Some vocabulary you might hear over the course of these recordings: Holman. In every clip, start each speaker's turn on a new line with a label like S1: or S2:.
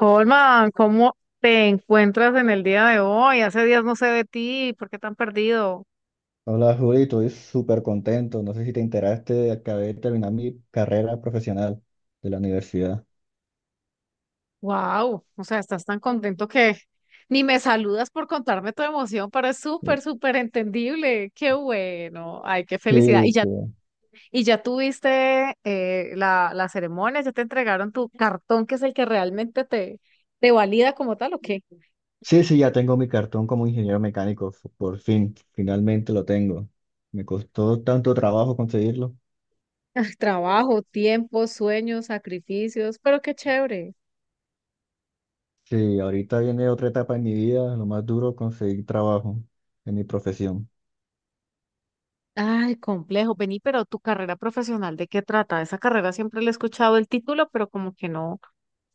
S1: Holman, ¿cómo te encuentras en el día de hoy? Hace días no sé de ti, ¿por qué tan perdido?
S2: Hola Juli, estoy súper contento. No sé si te enteraste, acabé de terminar mi carrera profesional de la universidad.
S1: Wow, o sea, estás tan contento que ni me saludas por contarme tu emoción, pero es súper,
S2: Sí,
S1: súper entendible. Qué bueno, ay, qué
S2: sí,
S1: felicidad.
S2: sí,
S1: Y ya tuviste la ceremonia, ya te entregaron tu cartón, que es el que realmente te valida como tal, ¿o qué?
S2: sí, sí, ya tengo mi cartón como ingeniero mecánico, por fin, finalmente lo tengo. Me costó tanto trabajo conseguirlo.
S1: Trabajo, tiempo, sueños, sacrificios, pero qué chévere.
S2: Sí, ahorita viene otra etapa en mi vida, lo más duro, conseguir trabajo en mi profesión.
S1: Ay, complejo, vení, pero tu carrera profesional, ¿de qué trata? Esa carrera siempre le he escuchado el título, pero como que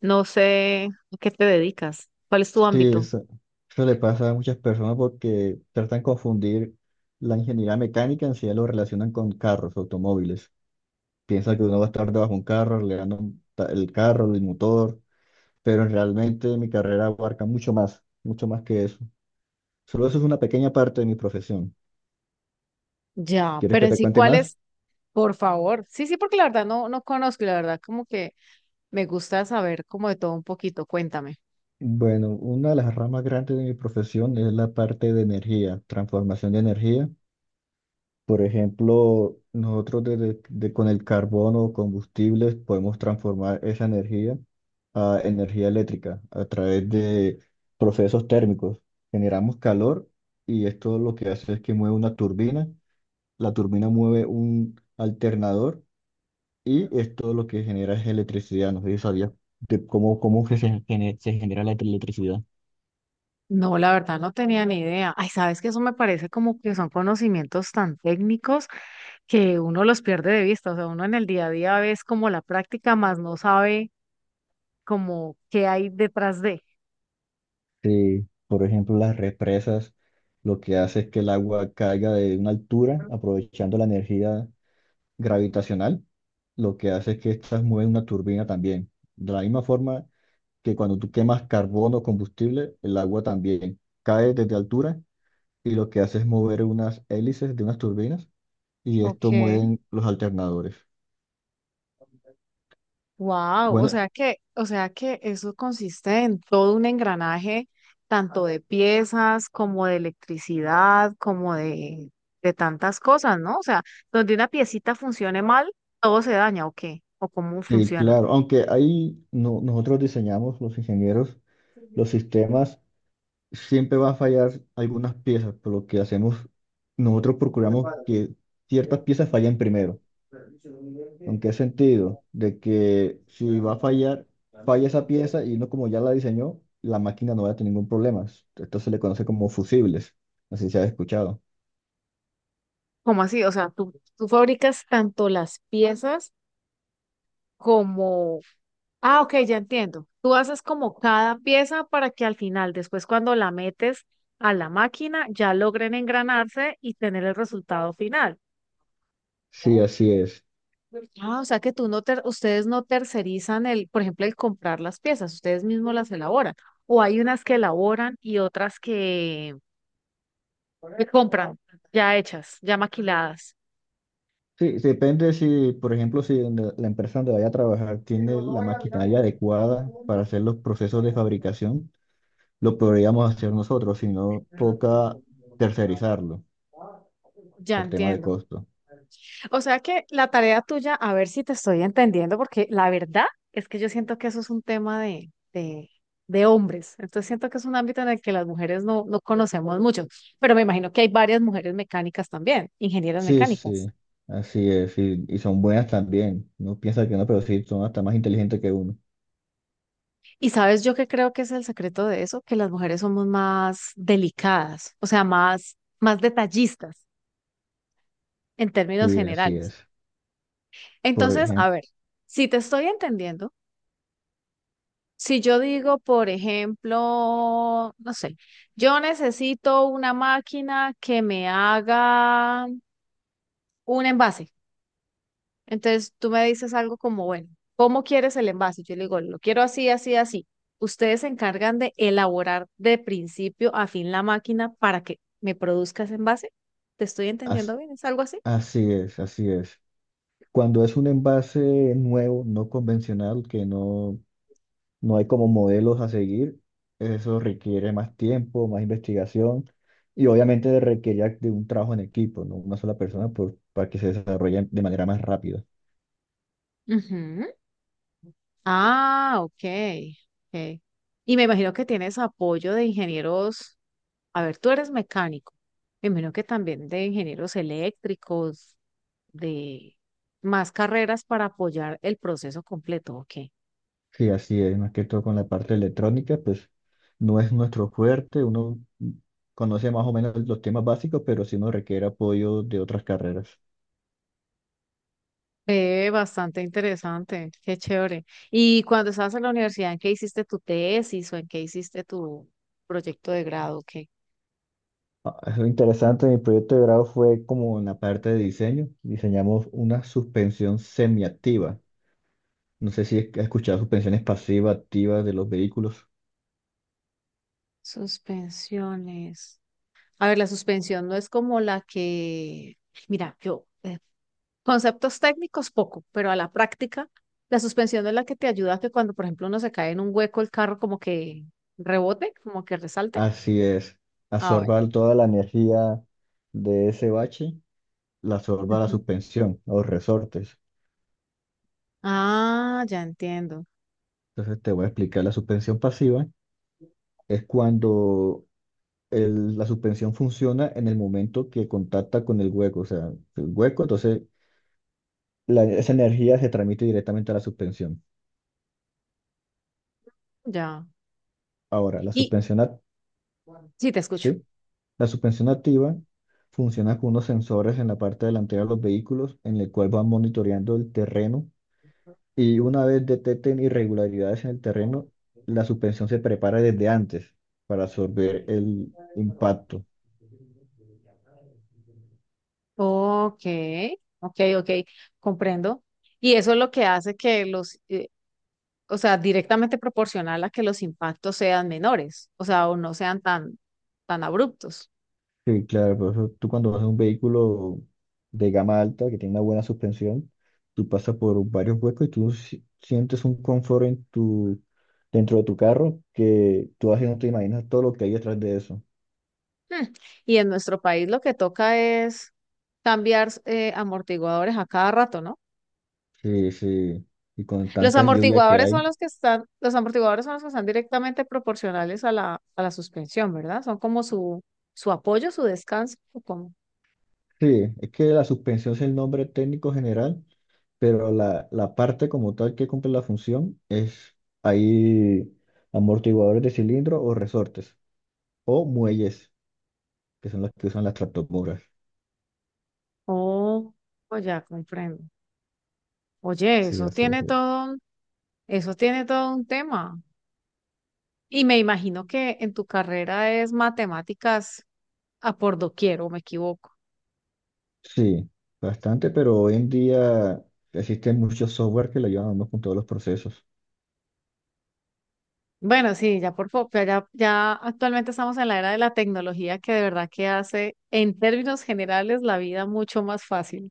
S1: no sé a qué te dedicas. ¿Cuál es tu
S2: Sí,
S1: ámbito?
S2: eso le pasa a muchas personas porque tratan de confundir la ingeniería mecánica, en sí lo relacionan con carros, automóviles. Piensa que uno va a estar debajo de un carro, arreglando el carro, el motor, pero realmente mi carrera abarca mucho más que eso. Solo eso es una pequeña parte de mi profesión.
S1: Ya,
S2: ¿Quieres
S1: pero
S2: que
S1: en
S2: te
S1: sí,
S2: cuente
S1: ¿cuál
S2: más?
S1: es? Por favor. Sí, sí, porque la verdad no conozco, y la verdad como que me gusta saber como de todo un poquito, cuéntame.
S2: Bueno, una de las ramas grandes de mi profesión es la parte de energía, transformación de energía. Por ejemplo, nosotros con el carbón o combustibles podemos transformar esa energía a energía eléctrica a través de procesos térmicos. Generamos calor y esto lo que hace es que mueve una turbina, la turbina mueve un alternador y esto lo que genera es electricidad. No sé si sabías de cómo, cómo que se, gene- se genera la electricidad.
S1: No, la verdad no tenía ni idea. Ay, sabes que eso me parece como que son conocimientos tan técnicos que uno los pierde de vista, o sea, uno en el día a día ves como la práctica, más no sabe como qué hay detrás de.
S2: Sí, por ejemplo, las represas lo que hace es que el agua caiga de una altura aprovechando la energía gravitacional. Lo que hace es que estas mueven una turbina también. De la misma forma, que cuando tú quemas carbono o combustible, el agua también cae desde altura y lo que hace es mover unas hélices de unas turbinas y esto
S1: Okay,
S2: mueven los alternadores.
S1: wow, o
S2: Bueno,
S1: sea que, o sea que eso consiste en todo un engranaje, tanto de piezas como de electricidad, como de tantas cosas, ¿no? O sea, donde una piecita funcione mal, todo se daña, ¿o qué? ¿O cómo
S2: sí,
S1: funciona?
S2: claro, aunque ahí no- nosotros diseñamos, los ingenieros, los sistemas, siempre van a fallar algunas piezas, por lo que hacemos, nosotros procuramos que ciertas piezas fallen primero. ¿En qué sentido? De que si va a fallar, falla esa pieza y uno como ya la diseñó, la máquina no va a tener ningún problema. Esto se le conoce como fusibles, así se ha escuchado.
S1: ¿Cómo así? O sea, tú fabricas tanto las piezas como... Ah, ok, ya entiendo. Tú haces como cada pieza para que al final, después cuando la metes a la máquina, ya logren engranarse y tener el resultado final.
S2: Sí, así es.
S1: Ah, o sea que tú no ter- ustedes no tercerizan el, por ejemplo, el comprar las piezas, ustedes mismos las elaboran. O hay unas que elaboran y otras que compran ya hechas, ya maquiladas.
S2: Sí, sí, depende si, por ejemplo, si en la empresa donde vaya a trabajar tiene la maquinaria adecuada para hacer los procesos de fabricación, lo podríamos hacer nosotros, si no toca tercerizarlo
S1: Ya
S2: por tema de
S1: entiendo.
S2: costo.
S1: O sea que la tarea tuya, a ver si te estoy entendiendo, porque la verdad es que yo siento que eso es un tema de hombres. Entonces siento que es un ámbito en el que las mujeres no conocemos mucho, pero me imagino que hay varias mujeres mecánicas también, ingenieras
S2: Sí,
S1: mecánicas.
S2: sí, así es, y son buenas también. Uno piensa que no, pero sí, son hasta más inteligentes que uno.
S1: Y sabes yo que creo que es el secreto de eso, que las mujeres somos más delicadas, o sea, más, más detallistas en términos
S2: Sí, así
S1: generales.
S2: es. Por
S1: Entonces, a
S2: ejemplo,
S1: ver, si te estoy entendiendo... Si yo digo, por ejemplo, no sé, yo necesito una máquina que me haga un envase. Entonces tú me dices algo como, bueno, ¿cómo quieres el envase? Yo le digo, lo quiero así, así, así. Ustedes se encargan de elaborar de principio a fin la máquina para que me produzca ese envase. ¿Te estoy entendiendo bien? ¿Es algo así?
S2: así es, así es. Cuando es un envase nuevo, no convencional, que no, no hay como modelos a seguir, eso requiere más tiempo, más investigación y obviamente requiere de un trabajo en equipo, no una sola persona, por, para que se desarrolle de manera más rápida.
S1: Ujú. Ah, ok, ok. Y me imagino que tienes apoyo de ingenieros. A ver, tú eres mecánico. Me imagino que también de ingenieros eléctricos, de más carreras para apoyar el proceso completo, ¿ok?
S2: Sí, así es, más que todo con la parte electrónica, pues no es nuestro fuerte, uno conoce más o menos los temas básicos, pero sí nos requiere apoyo de otras carreras.
S1: Bastante interesante, qué chévere. Y cuando estabas en la universidad, ¿en qué hiciste tu tesis o en qué hiciste tu proyecto de grado? ¿Qué?
S2: Ah, es lo interesante, mi proyecto de grado fue como en la parte de diseño, diseñamos una suspensión semiactiva. No sé si has escuchado suspensiones pasivas, activas de los vehículos.
S1: Suspensiones. A ver, la suspensión no es como la que, mira, yo, conceptos técnicos poco, pero a la práctica, la suspensión es la que te ayuda a que cuando, por ejemplo, uno se cae en un hueco, el carro como que rebote, como que resalte.
S2: Así es,
S1: Ah, bueno.
S2: absorba toda la energía de ese bache, la absorba la
S1: Ujú.
S2: suspensión, los resortes.
S1: Ah, ya entiendo.
S2: Entonces te voy a explicar, la suspensión pasiva es cuando la suspensión funciona en el momento que contacta con el hueco, o sea, el hueco, entonces esa energía se transmite directamente a la suspensión.
S1: Ya.
S2: Ahora, la
S1: Y
S2: suspensión, ac-
S1: sí, te escucho.
S2: ¿sí? La suspensión activa funciona con unos sensores en la parte delantera de los vehículos, en el cual van monitoreando el terreno y una vez detecten irregularidades en el terreno, la suspensión se prepara desde antes para absorber el impacto.
S1: Ok, ok, ok, comprendo. Y eso es lo que hace que o sea, directamente proporcional a que los impactos sean menores, o sea, o no sean tan, tan abruptos.
S2: Sí, claro, por eso tú cuando vas en un vehículo de gama alta que tiene una buena suspensión, tú pasas por varios huecos y tú sientes un confort en tu, dentro de tu carro, que tú así no te imaginas todo lo que hay detrás de eso.
S1: Hmm, y en nuestro país lo que toca es cambiar amortiguadores a cada rato, ¿no?
S2: Sí, sí, y con
S1: Los
S2: tanta lluvia que
S1: amortiguadores son
S2: hay.
S1: los que están, los amortiguadores son los que están directamente proporcionales a a la suspensión, ¿verdad? Son como su apoyo, su descanso, o como...
S2: Sí, es que la suspensión es el nombre técnico general, pero la parte como tal que cumple la función es ahí amortiguadores de cilindro o resortes o muelles, que son los que usan las tractomulas.
S1: Oh, oh, ya comprendo. Oye,
S2: Sí, así es. Así es.
S1: eso tiene todo un tema. Y me imagino que en tu carrera es matemáticas a por doquier, ¿o me equivoco?
S2: Sí, bastante, pero hoy en día existen muchos software que le ayudan a uno con todos los procesos.
S1: Bueno, sí, ya por poco, ya actualmente estamos en la era de la tecnología que de verdad que hace, en términos generales, la vida mucho más fácil.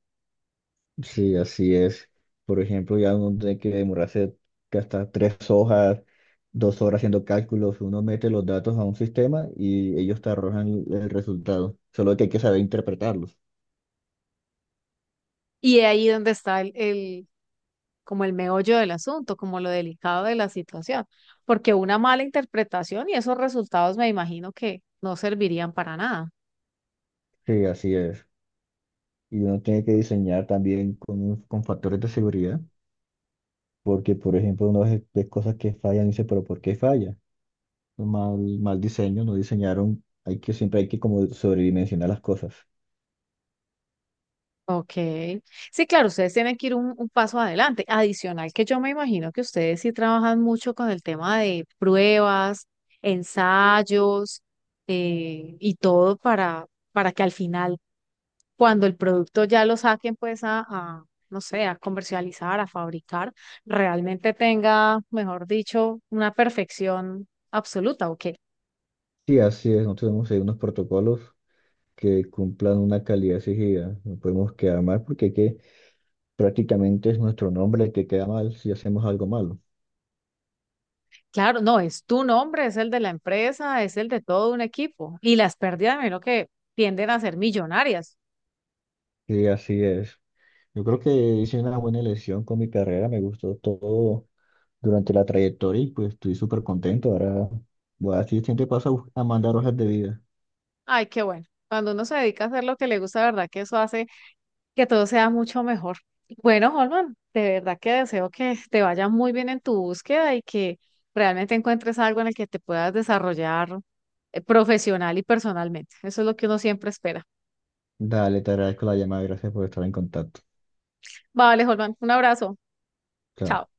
S2: Sí, así es. Por ejemplo, ya uno tiene que demorarse hasta 3 horas haciendo cálculos. Uno mete los datos a un sistema y ellos te arrojan el resultado. Solo que hay que saber interpretarlos.
S1: Y de ahí donde está como el meollo del asunto, como lo delicado de la situación, porque una mala interpretación y esos resultados me imagino que no servirían para nada.
S2: Sí, así es. Y uno tiene que diseñar también con, con factores de seguridad, porque, por ejemplo, uno ve cosas que fallan y dice, pero ¿por qué falla? Mal, mal diseño, no diseñaron, hay que, siempre hay que como sobredimensionar las cosas.
S1: Ok. Sí, claro, ustedes tienen que ir un paso adelante. Adicional que yo me imagino que ustedes sí trabajan mucho con el tema de pruebas, ensayos, y todo para que al final, cuando el producto ya lo saquen, pues no sé, a comercializar, a fabricar, realmente tenga, mejor dicho, una perfección absoluta, ¿ok?
S2: Sí, así es, nosotros tenemos ahí unos protocolos que cumplan una calidad exigida, no podemos quedar mal porque hay que, prácticamente es nuestro nombre el que queda mal si hacemos algo malo.
S1: Claro, no, es tu nombre, es el de la empresa, es el de todo un equipo. Y las pérdidas, me que tienden a ser millonarias.
S2: Sí, así es. Yo creo que hice una buena elección con mi carrera, me gustó todo durante la trayectoria y pues estoy súper contento. Ahora voy a decir, siempre paso a mandar hojas de vida.
S1: Ay, qué bueno. Cuando uno se dedica a hacer lo que le gusta, de verdad que eso hace que todo sea mucho mejor. Bueno, Holman, de verdad que deseo que te vaya muy bien en tu búsqueda y que realmente encuentres algo en el que te puedas desarrollar profesional y personalmente. Eso es lo que uno siempre espera.
S2: Dale, te agradezco la llamada, gracias por estar en contacto.
S1: Vale, Holman, un abrazo.
S2: Chao.
S1: Chao.